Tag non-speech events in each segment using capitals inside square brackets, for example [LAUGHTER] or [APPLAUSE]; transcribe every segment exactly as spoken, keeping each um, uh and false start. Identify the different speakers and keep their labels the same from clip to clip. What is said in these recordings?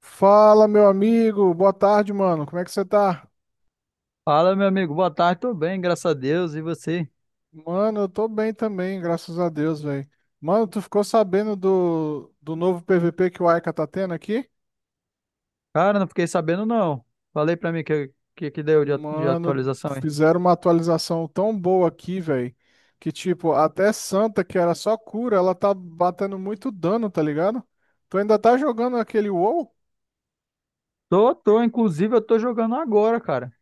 Speaker 1: Fala, meu amigo. Boa tarde, mano. Como é que você tá?
Speaker 2: Fala, meu amigo. Boa tarde, tudo bem, graças a Deus. E você?
Speaker 1: Mano, eu tô bem também, graças a Deus, velho. Mano, tu ficou sabendo do, do novo P V P que o Aika tá tendo aqui?
Speaker 2: Cara, não fiquei sabendo, não. Falei pra mim que que, que deu de, a- de
Speaker 1: Mano,
Speaker 2: atualização aí.
Speaker 1: fizeram uma atualização tão boa aqui, velho, que tipo, até Santa, que era só cura, ela tá batendo muito dano, tá ligado? Tu ainda tá jogando aquele WoW?
Speaker 2: Tô, tô. Inclusive, eu tô jogando agora, cara.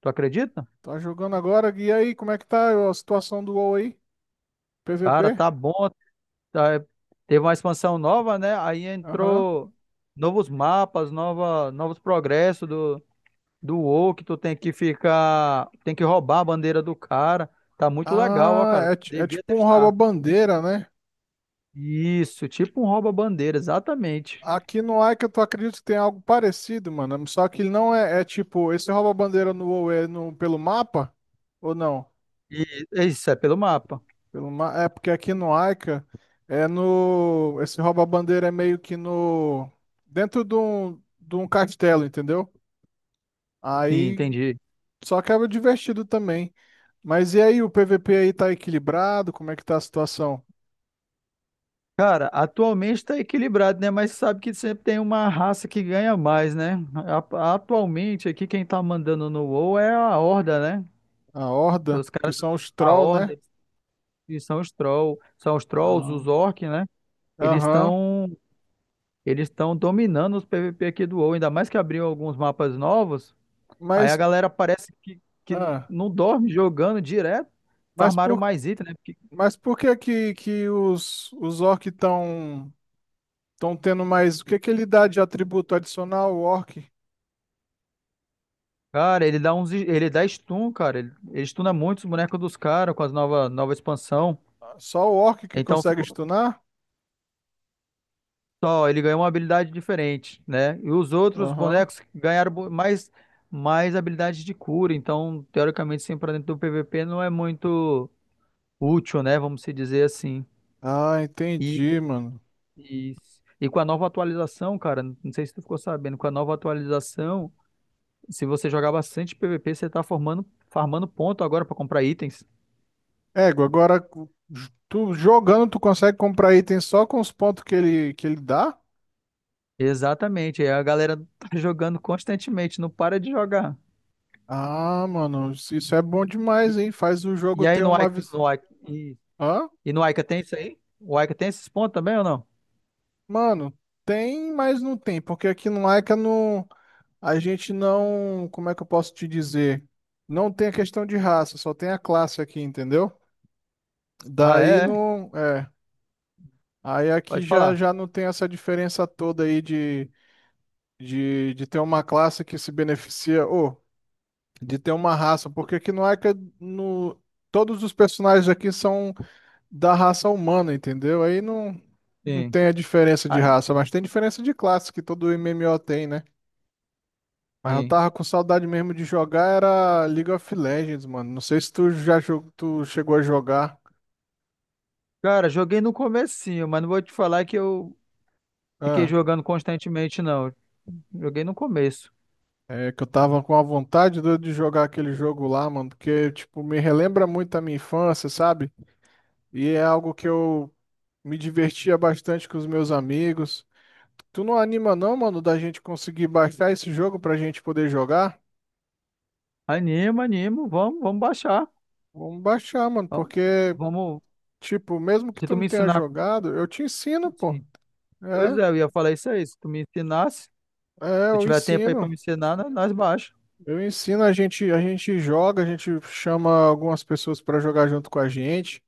Speaker 2: Tu acredita?
Speaker 1: Tá jogando agora? E aí, como é que tá a situação do WoW aí?
Speaker 2: Cara,
Speaker 1: P V P?
Speaker 2: tá bom. Tá, teve uma expansão nova, né? Aí
Speaker 1: Aham.
Speaker 2: entrou novos mapas, nova, novos progressos do, do WoW, que tu tem que ficar... Tem que roubar a bandeira do cara. Tá muito legal, ó,
Speaker 1: Ah,
Speaker 2: cara.
Speaker 1: é, ti- é
Speaker 2: Devia
Speaker 1: tipo um
Speaker 2: testar.
Speaker 1: rouba-bandeira, né?
Speaker 2: Isso, tipo um rouba-bandeira, exatamente.
Speaker 1: Aqui no Ica, tu acredita que tem algo parecido, mano? Só que ele não é, é tipo, esse rouba-bandeira no WoW é no, pelo mapa? Ou não?
Speaker 2: E é isso, é pelo mapa.
Speaker 1: Pelo ma é porque aqui no Ica é no. Esse rouba-bandeira é meio que no. dentro de um, de um castelo, entendeu?
Speaker 2: Sim,
Speaker 1: Aí
Speaker 2: entendi.
Speaker 1: só que é divertido também. Mas e aí, o P V P aí tá equilibrado? Como é que tá a situação?
Speaker 2: Cara, atualmente tá equilibrado, né? Mas sabe que sempre tem uma raça que ganha mais, né? A- Atualmente aqui quem tá mandando no WoW é a Horda, né?
Speaker 1: A Horda,
Speaker 2: Os
Speaker 1: que
Speaker 2: caras,
Speaker 1: são os
Speaker 2: a
Speaker 1: troll, né?
Speaker 2: Horda, e são os Troll, são os Trolls,
Speaker 1: Ah,
Speaker 2: os Orcs, né? Eles
Speaker 1: aham.
Speaker 2: estão eles estão dominando os P V P aqui do WoW, ainda mais que abriu alguns mapas novos. Aí a
Speaker 1: Mas.
Speaker 2: galera parece que, que
Speaker 1: ah,
Speaker 2: não dorme jogando direto,
Speaker 1: Mas
Speaker 2: farmaram
Speaker 1: por
Speaker 2: mais item, né?
Speaker 1: Mas por que que, que os, os orcs estão estão tendo mais? O que que ele dá de atributo adicional ao orc?
Speaker 2: Cara, ele dá uns, ele dá stun, cara. Ele, ele stuna muito os bonecos dos caras com as nova, nova expansão.
Speaker 1: Só o orc que
Speaker 2: Então
Speaker 1: consegue
Speaker 2: ficou
Speaker 1: stunar?
Speaker 2: só, ele ganhou uma habilidade diferente, né? E os outros
Speaker 1: Aham.
Speaker 2: bonecos ganharam bo- mais mais habilidades de cura, então teoricamente sempre pra dentro do P V P não é muito útil, né? Vamos se dizer assim.
Speaker 1: Ah,
Speaker 2: E,
Speaker 1: entendi, mano.
Speaker 2: e, e com a nova atualização, cara, não sei se tu ficou sabendo, com a nova atualização, se você jogar bastante P V P, você tá formando, farmando ponto agora pra comprar itens.
Speaker 1: Ego, agora j- tu jogando, tu consegue comprar item só com os pontos que ele, que ele dá?
Speaker 2: Exatamente, aí a galera [LAUGHS] tá jogando constantemente, não para de jogar.
Speaker 1: Ah, mano, isso isso é bom demais,
Speaker 2: E,
Speaker 1: hein? Faz o jogo
Speaker 2: e aí
Speaker 1: ter
Speaker 2: no
Speaker 1: uma.
Speaker 2: Ica,
Speaker 1: vis-
Speaker 2: no Ica, e,
Speaker 1: Hã?
Speaker 2: e no Ica tem isso aí? O Ica tem esses pontos também ou não?
Speaker 1: Mano, tem, mas não tem, porque aqui no Laika não. A gente não, como é que eu posso te dizer? Não tem a questão de raça, só tem a classe aqui, entendeu?
Speaker 2: Ah,
Speaker 1: Daí
Speaker 2: é? É.
Speaker 1: não, é, aí aqui
Speaker 2: Pode
Speaker 1: já
Speaker 2: falar.
Speaker 1: já não tem essa diferença toda aí de, de, de ter uma classe que se beneficia ou de ter uma raça, porque aqui no Ica no todos os personagens aqui são da raça humana, entendeu? Aí não não
Speaker 2: Sim.
Speaker 1: tem a diferença de
Speaker 2: Ah,
Speaker 1: raça, mas tem diferença de classe que todo M M O tem, né? Mas eu
Speaker 2: sim.
Speaker 1: tava com saudade mesmo de jogar, era League of Legends, mano. Não sei se tu já jogou, tu chegou a jogar.
Speaker 2: Cara, joguei no comecinho, mas não vou te falar que eu fiquei
Speaker 1: Ah,
Speaker 2: jogando constantemente, não. Joguei no começo.
Speaker 1: é que eu tava com a vontade doida de jogar aquele jogo lá, mano, porque, tipo, me relembra muito a minha infância, sabe? E é algo que eu me divertia bastante com os meus amigos. Tu não anima não, mano, da gente conseguir baixar esse jogo pra gente poder jogar?
Speaker 2: Anima, animo, vamos, vamos baixar.
Speaker 1: Vamos baixar, mano,
Speaker 2: Vamos,
Speaker 1: porque,
Speaker 2: vamos-
Speaker 1: tipo, mesmo que
Speaker 2: Se
Speaker 1: tu
Speaker 2: tu
Speaker 1: não
Speaker 2: me
Speaker 1: tenha
Speaker 2: ensinar,
Speaker 1: jogado, eu te ensino, pô.
Speaker 2: sim. Pois
Speaker 1: É,
Speaker 2: é, eu ia falar isso aí, se tu me ensinasse, se
Speaker 1: é,
Speaker 2: tu
Speaker 1: eu
Speaker 2: tiver tempo aí pra
Speaker 1: ensino.
Speaker 2: me ensinar, nós nós baixa.
Speaker 1: Eu ensino, a gente, a gente joga, a gente chama algumas pessoas para jogar junto com a gente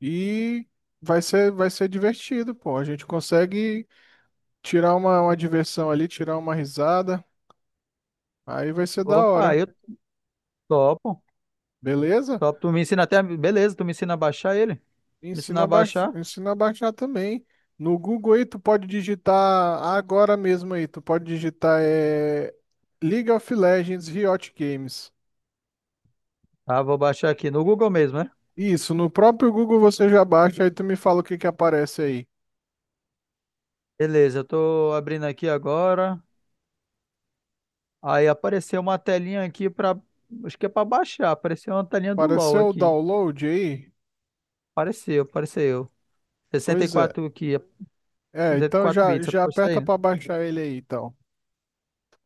Speaker 1: e vai ser, vai ser divertido, pô. A gente consegue tirar uma, uma diversão ali, tirar uma risada, aí vai ser da
Speaker 2: Opa,
Speaker 1: hora,
Speaker 2: eu topo.
Speaker 1: beleza?
Speaker 2: Top. Tu me ensina até. A- Beleza, tu me ensina a baixar ele? Me ensina
Speaker 1: Ensina a
Speaker 2: a
Speaker 1: baixar,
Speaker 2: baixar?
Speaker 1: ensina a baixar também. No Google aí tu pode digitar agora mesmo aí, tu pode digitar é, League of Legends Riot Games.
Speaker 2: Ah, vou baixar aqui no Google mesmo, né?
Speaker 1: Isso, no próprio Google você já baixa, aí tu me fala o que que aparece aí.
Speaker 2: Beleza, eu tô abrindo aqui agora. Aí apareceu uma telinha aqui pra. Acho que é pra baixar. Apareceu uma telinha do LoL
Speaker 1: Apareceu o
Speaker 2: aqui.
Speaker 1: download aí?
Speaker 2: Apareceu, apareceu. Sessenta e
Speaker 1: Pois é.
Speaker 2: quatro aqui,
Speaker 1: É, então
Speaker 2: sessenta e quatro
Speaker 1: já,
Speaker 2: bits, é
Speaker 1: já
Speaker 2: isso
Speaker 1: aperta
Speaker 2: daí, né?
Speaker 1: pra baixar ele aí, então.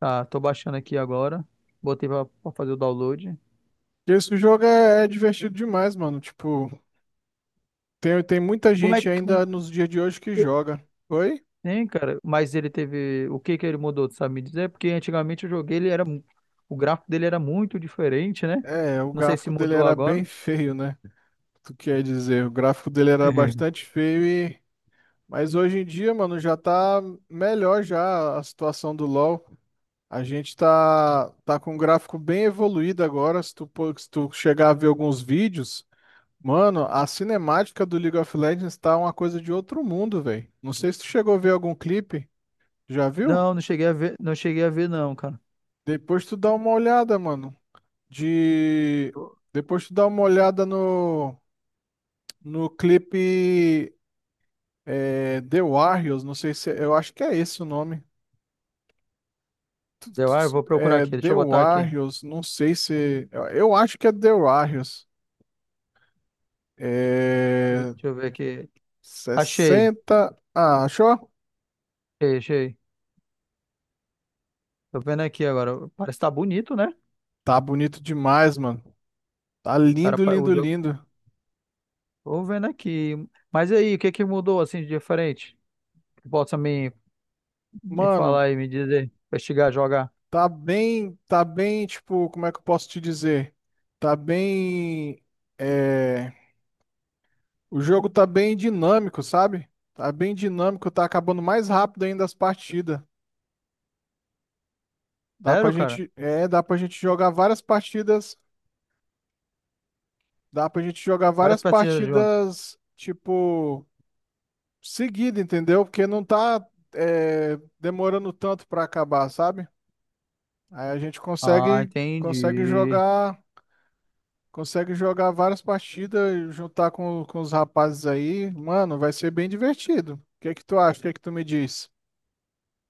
Speaker 2: Tá, tô baixando aqui agora. Botei pra, pra fazer o download.
Speaker 1: Esse jogo é, é divertido demais, mano. Tipo, tem, tem muita
Speaker 2: Como é
Speaker 1: gente
Speaker 2: que.
Speaker 1: ainda nos dias de hoje que joga. Oi?
Speaker 2: Sim, cara, mas ele teve. O que que ele mudou, tu sabe me dizer? Porque antigamente eu joguei, ele era. mu- o gráfico dele era muito diferente, né?
Speaker 1: É, o
Speaker 2: Não sei se
Speaker 1: gráfico dele
Speaker 2: mudou
Speaker 1: era bem [LAUGHS]
Speaker 2: agora.
Speaker 1: feio, né? Tu quer dizer, o gráfico dele era
Speaker 2: Uhum.
Speaker 1: bastante feio e... Mas hoje em dia, mano, já tá melhor já a situação do LoL. A gente tá, tá com um gráfico bem evoluído agora. Se tu, pô- se tu chegar a ver alguns vídeos... Mano, a cinemática do League of Legends tá uma coisa de outro mundo, velho. Não sei se tu chegou a ver algum clipe, já viu?
Speaker 2: Não, não cheguei a ver, não cheguei a ver, não, cara.
Speaker 1: Depois tu dá uma olhada, mano. De. Depois tu dá uma olhada no, no clipe é, The Warriors, não sei se. Eu acho que é esse o nome.
Speaker 2: Deu, ah, eu vou procurar
Speaker 1: É
Speaker 2: aqui, deixa
Speaker 1: The
Speaker 2: eu botar aqui.
Speaker 1: Warriors, não sei se. Eu eu acho que é The Warriors.
Speaker 2: Deixa
Speaker 1: É.
Speaker 2: eu ver aqui. Achei,
Speaker 1: sessenta. Ah, achou?
Speaker 2: achei, achei. Tô vendo aqui agora. Parece que tá bonito, né?
Speaker 1: Tá bonito demais, mano. Tá
Speaker 2: Cara,
Speaker 1: lindo,
Speaker 2: pa- o
Speaker 1: lindo,
Speaker 2: jogo.
Speaker 1: lindo.
Speaker 2: Tô vendo aqui. Mas aí, o que que mudou assim de diferente? Que possa me, me
Speaker 1: Mano,
Speaker 2: falar e me dizer, investigar, jogar.
Speaker 1: tá bem, tá bem, tipo, como é que eu posso te dizer? Tá bem, é, o jogo tá bem dinâmico, sabe? Tá bem dinâmico, tá acabando mais rápido ainda as partidas. Dá pra
Speaker 2: Sério, cara?
Speaker 1: gente, é, dá pra gente jogar várias partidas, dá pra gente jogar
Speaker 2: Várias
Speaker 1: várias
Speaker 2: partidas juntas.
Speaker 1: partidas, tipo, seguida, entendeu? Porque não tá, é, demorando tanto pra acabar, sabe? Aí a gente
Speaker 2: Ah,
Speaker 1: consegue, consegue
Speaker 2: entendi.
Speaker 1: jogar Consegue Jogar várias partidas, juntar com, com os rapazes aí. Mano, vai ser bem divertido. O que é que tu acha? O que é que tu me diz?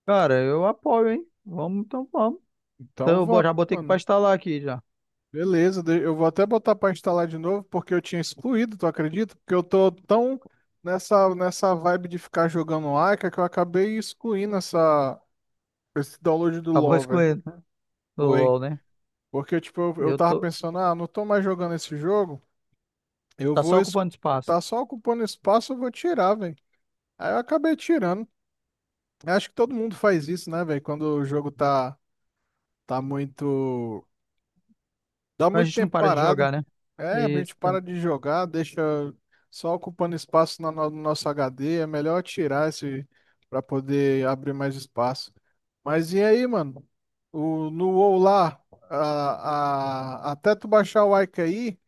Speaker 2: Cara, eu apoio, hein? Vamos, então vamos. Então,
Speaker 1: Então
Speaker 2: eu bo-
Speaker 1: vamos,
Speaker 2: já botei aqui pra
Speaker 1: mano.
Speaker 2: instalar aqui já.
Speaker 1: Beleza, de- eu vou até botar pra instalar de novo, porque eu tinha excluído, tu acredita? Porque eu tô tão nessa, nessa vibe de ficar jogando Aika que eu acabei excluindo essa, esse download do
Speaker 2: Acabou [LAUGHS]
Speaker 1: LoL, velho.
Speaker 2: escolhendo, né? O
Speaker 1: Foi.
Speaker 2: LoL, né?
Speaker 1: Porque, tipo, eu, eu
Speaker 2: Eu
Speaker 1: tava
Speaker 2: tô.
Speaker 1: pensando, ah, não tô mais jogando esse jogo, eu
Speaker 2: Tá
Speaker 1: vou.
Speaker 2: só
Speaker 1: es-
Speaker 2: ocupando espaço.
Speaker 1: Tá só ocupando espaço, eu vou tirar, velho. Aí eu acabei tirando. Eu acho que todo mundo faz isso, né, velho? Quando o jogo tá, tá muito. Dá
Speaker 2: Mas a
Speaker 1: muito
Speaker 2: gente não
Speaker 1: tempo
Speaker 2: para de
Speaker 1: parado.
Speaker 2: jogar, né?
Speaker 1: É, a
Speaker 2: Isso.
Speaker 1: gente para
Speaker 2: tam-
Speaker 1: de jogar, deixa só ocupando espaço na no no nosso H D. É melhor tirar esse pra poder abrir mais espaço. Mas e aí, mano? O, no WoW lá, a, a- até tu baixar o Ica aí.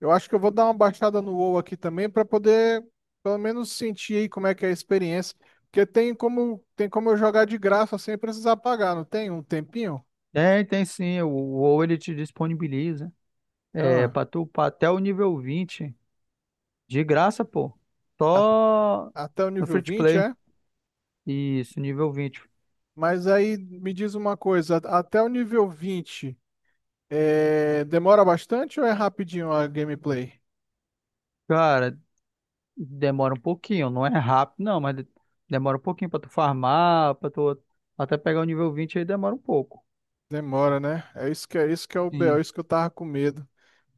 Speaker 1: Eu acho que eu vou dar uma baixada no WoW aqui também para poder pelo menos sentir aí como é que é a experiência, porque tem como tem como eu jogar de graça sem precisar pagar, não tem um tempinho?
Speaker 2: Tem, tem sim. O o WoW ele te disponibiliza. É,
Speaker 1: Ah,
Speaker 2: pra tu upar até o nível vinte de graça, pô.
Speaker 1: a-
Speaker 2: Só
Speaker 1: até o
Speaker 2: no
Speaker 1: nível
Speaker 2: free to
Speaker 1: vinte
Speaker 2: play.
Speaker 1: é?
Speaker 2: Isso, nível vinte.
Speaker 1: Mas aí me diz uma coisa, até o nível vinte é, demora bastante ou é rapidinho a gameplay?
Speaker 2: Cara, demora um pouquinho, não é rápido, não, mas de- demora um pouquinho pra tu farmar, pra tu até pegar o nível vinte aí demora um pouco.
Speaker 1: Demora, né? É isso que é isso que é o B O,
Speaker 2: Sim.
Speaker 1: isso que eu tava com medo.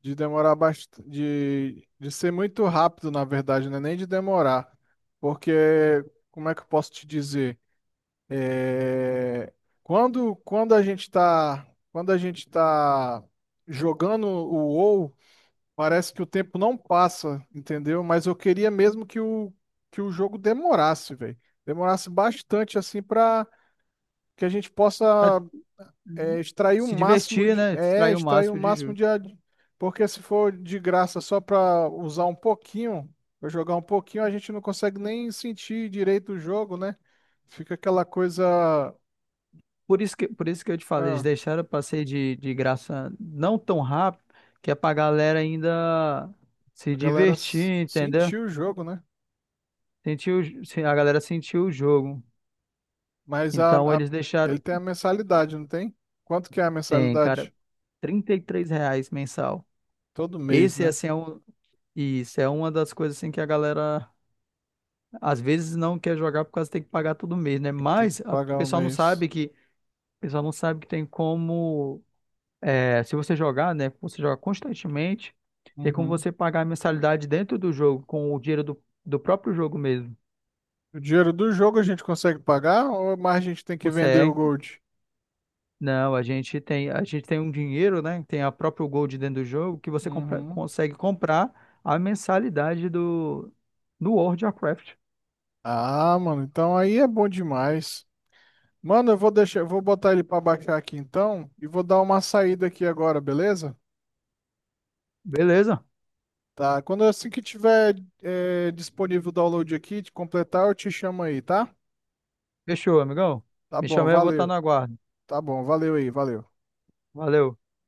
Speaker 1: De demorar bastante, de, de ser muito rápido, na verdade, né? Nem de demorar. Porque, como é que eu posso te dizer? É, quando, quando a gente tá, quando a gente tá jogando o WoW, parece que o tempo não passa, entendeu? Mas eu queria mesmo que o, que o jogo demorasse, velho. Demorasse bastante, assim, pra que a gente possa
Speaker 2: Mas, hum,
Speaker 1: é, extrair o
Speaker 2: se
Speaker 1: máximo
Speaker 2: divertir,
Speaker 1: de.
Speaker 2: né?
Speaker 1: É,
Speaker 2: Extrair o
Speaker 1: extrair o
Speaker 2: máximo de
Speaker 1: máximo
Speaker 2: juros.
Speaker 1: de. ad- Porque se for de graça só para usar um pouquinho, pra jogar um pouquinho, a gente não consegue nem sentir direito o jogo, né? Fica aquela coisa.
Speaker 2: Por isso que, por isso que eu te falei, eles
Speaker 1: Ah,
Speaker 2: deixaram o ser de, de graça não tão rápido, que é pra galera ainda se
Speaker 1: a galera s-
Speaker 2: divertir, entendeu?
Speaker 1: sentiu o jogo, né?
Speaker 2: Sentir o j- se- A galera sentir o jogo.
Speaker 1: Mas a,
Speaker 2: Então
Speaker 1: a-
Speaker 2: eles
Speaker 1: ele
Speaker 2: deixaram.
Speaker 1: tem a mensalidade, não tem? Quanto que é a
Speaker 2: Tem, cara, R$
Speaker 1: mensalidade?
Speaker 2: trinta e três reais mensal.
Speaker 1: Todo mês,
Speaker 2: Esse,
Speaker 1: né?
Speaker 2: assim, é um. E isso é uma das coisas assim que a galera às vezes não quer jogar por causa que tem que pagar todo mês, né?
Speaker 1: Tem que
Speaker 2: Mas a- o
Speaker 1: pagar o
Speaker 2: pessoal não sabe
Speaker 1: mês.
Speaker 2: que, o pessoal não sabe que tem como, é, se você jogar, né? Você joga constantemente, tem como
Speaker 1: Uhum.
Speaker 2: você pagar a mensalidade dentro do jogo com o dinheiro do, do próprio jogo mesmo.
Speaker 1: O dinheiro do jogo a gente consegue pagar ou mais a gente tem que vender o
Speaker 2: Consegue?
Speaker 1: Gold?
Speaker 2: Não, a gente tem, a gente tem um dinheiro, né? Tem a própria Gold dentro do jogo que você compra-
Speaker 1: Uhum.
Speaker 2: consegue comprar a mensalidade do do World of Warcraft.
Speaker 1: Ah, mano, então aí é bom demais. Mano, eu vou deixar, eu vou botar ele pra baixar aqui então e vou dar uma saída aqui agora, beleza?
Speaker 2: Beleza?
Speaker 1: Tá, quando assim que tiver é, disponível o download aqui, de completar, eu te chamo aí, tá?
Speaker 2: Fechou, amigão.
Speaker 1: Tá
Speaker 2: Me
Speaker 1: bom,
Speaker 2: chamei, eu vou estar no
Speaker 1: valeu.
Speaker 2: aguardo.
Speaker 1: Tá bom, valeu aí, valeu.
Speaker 2: Valeu.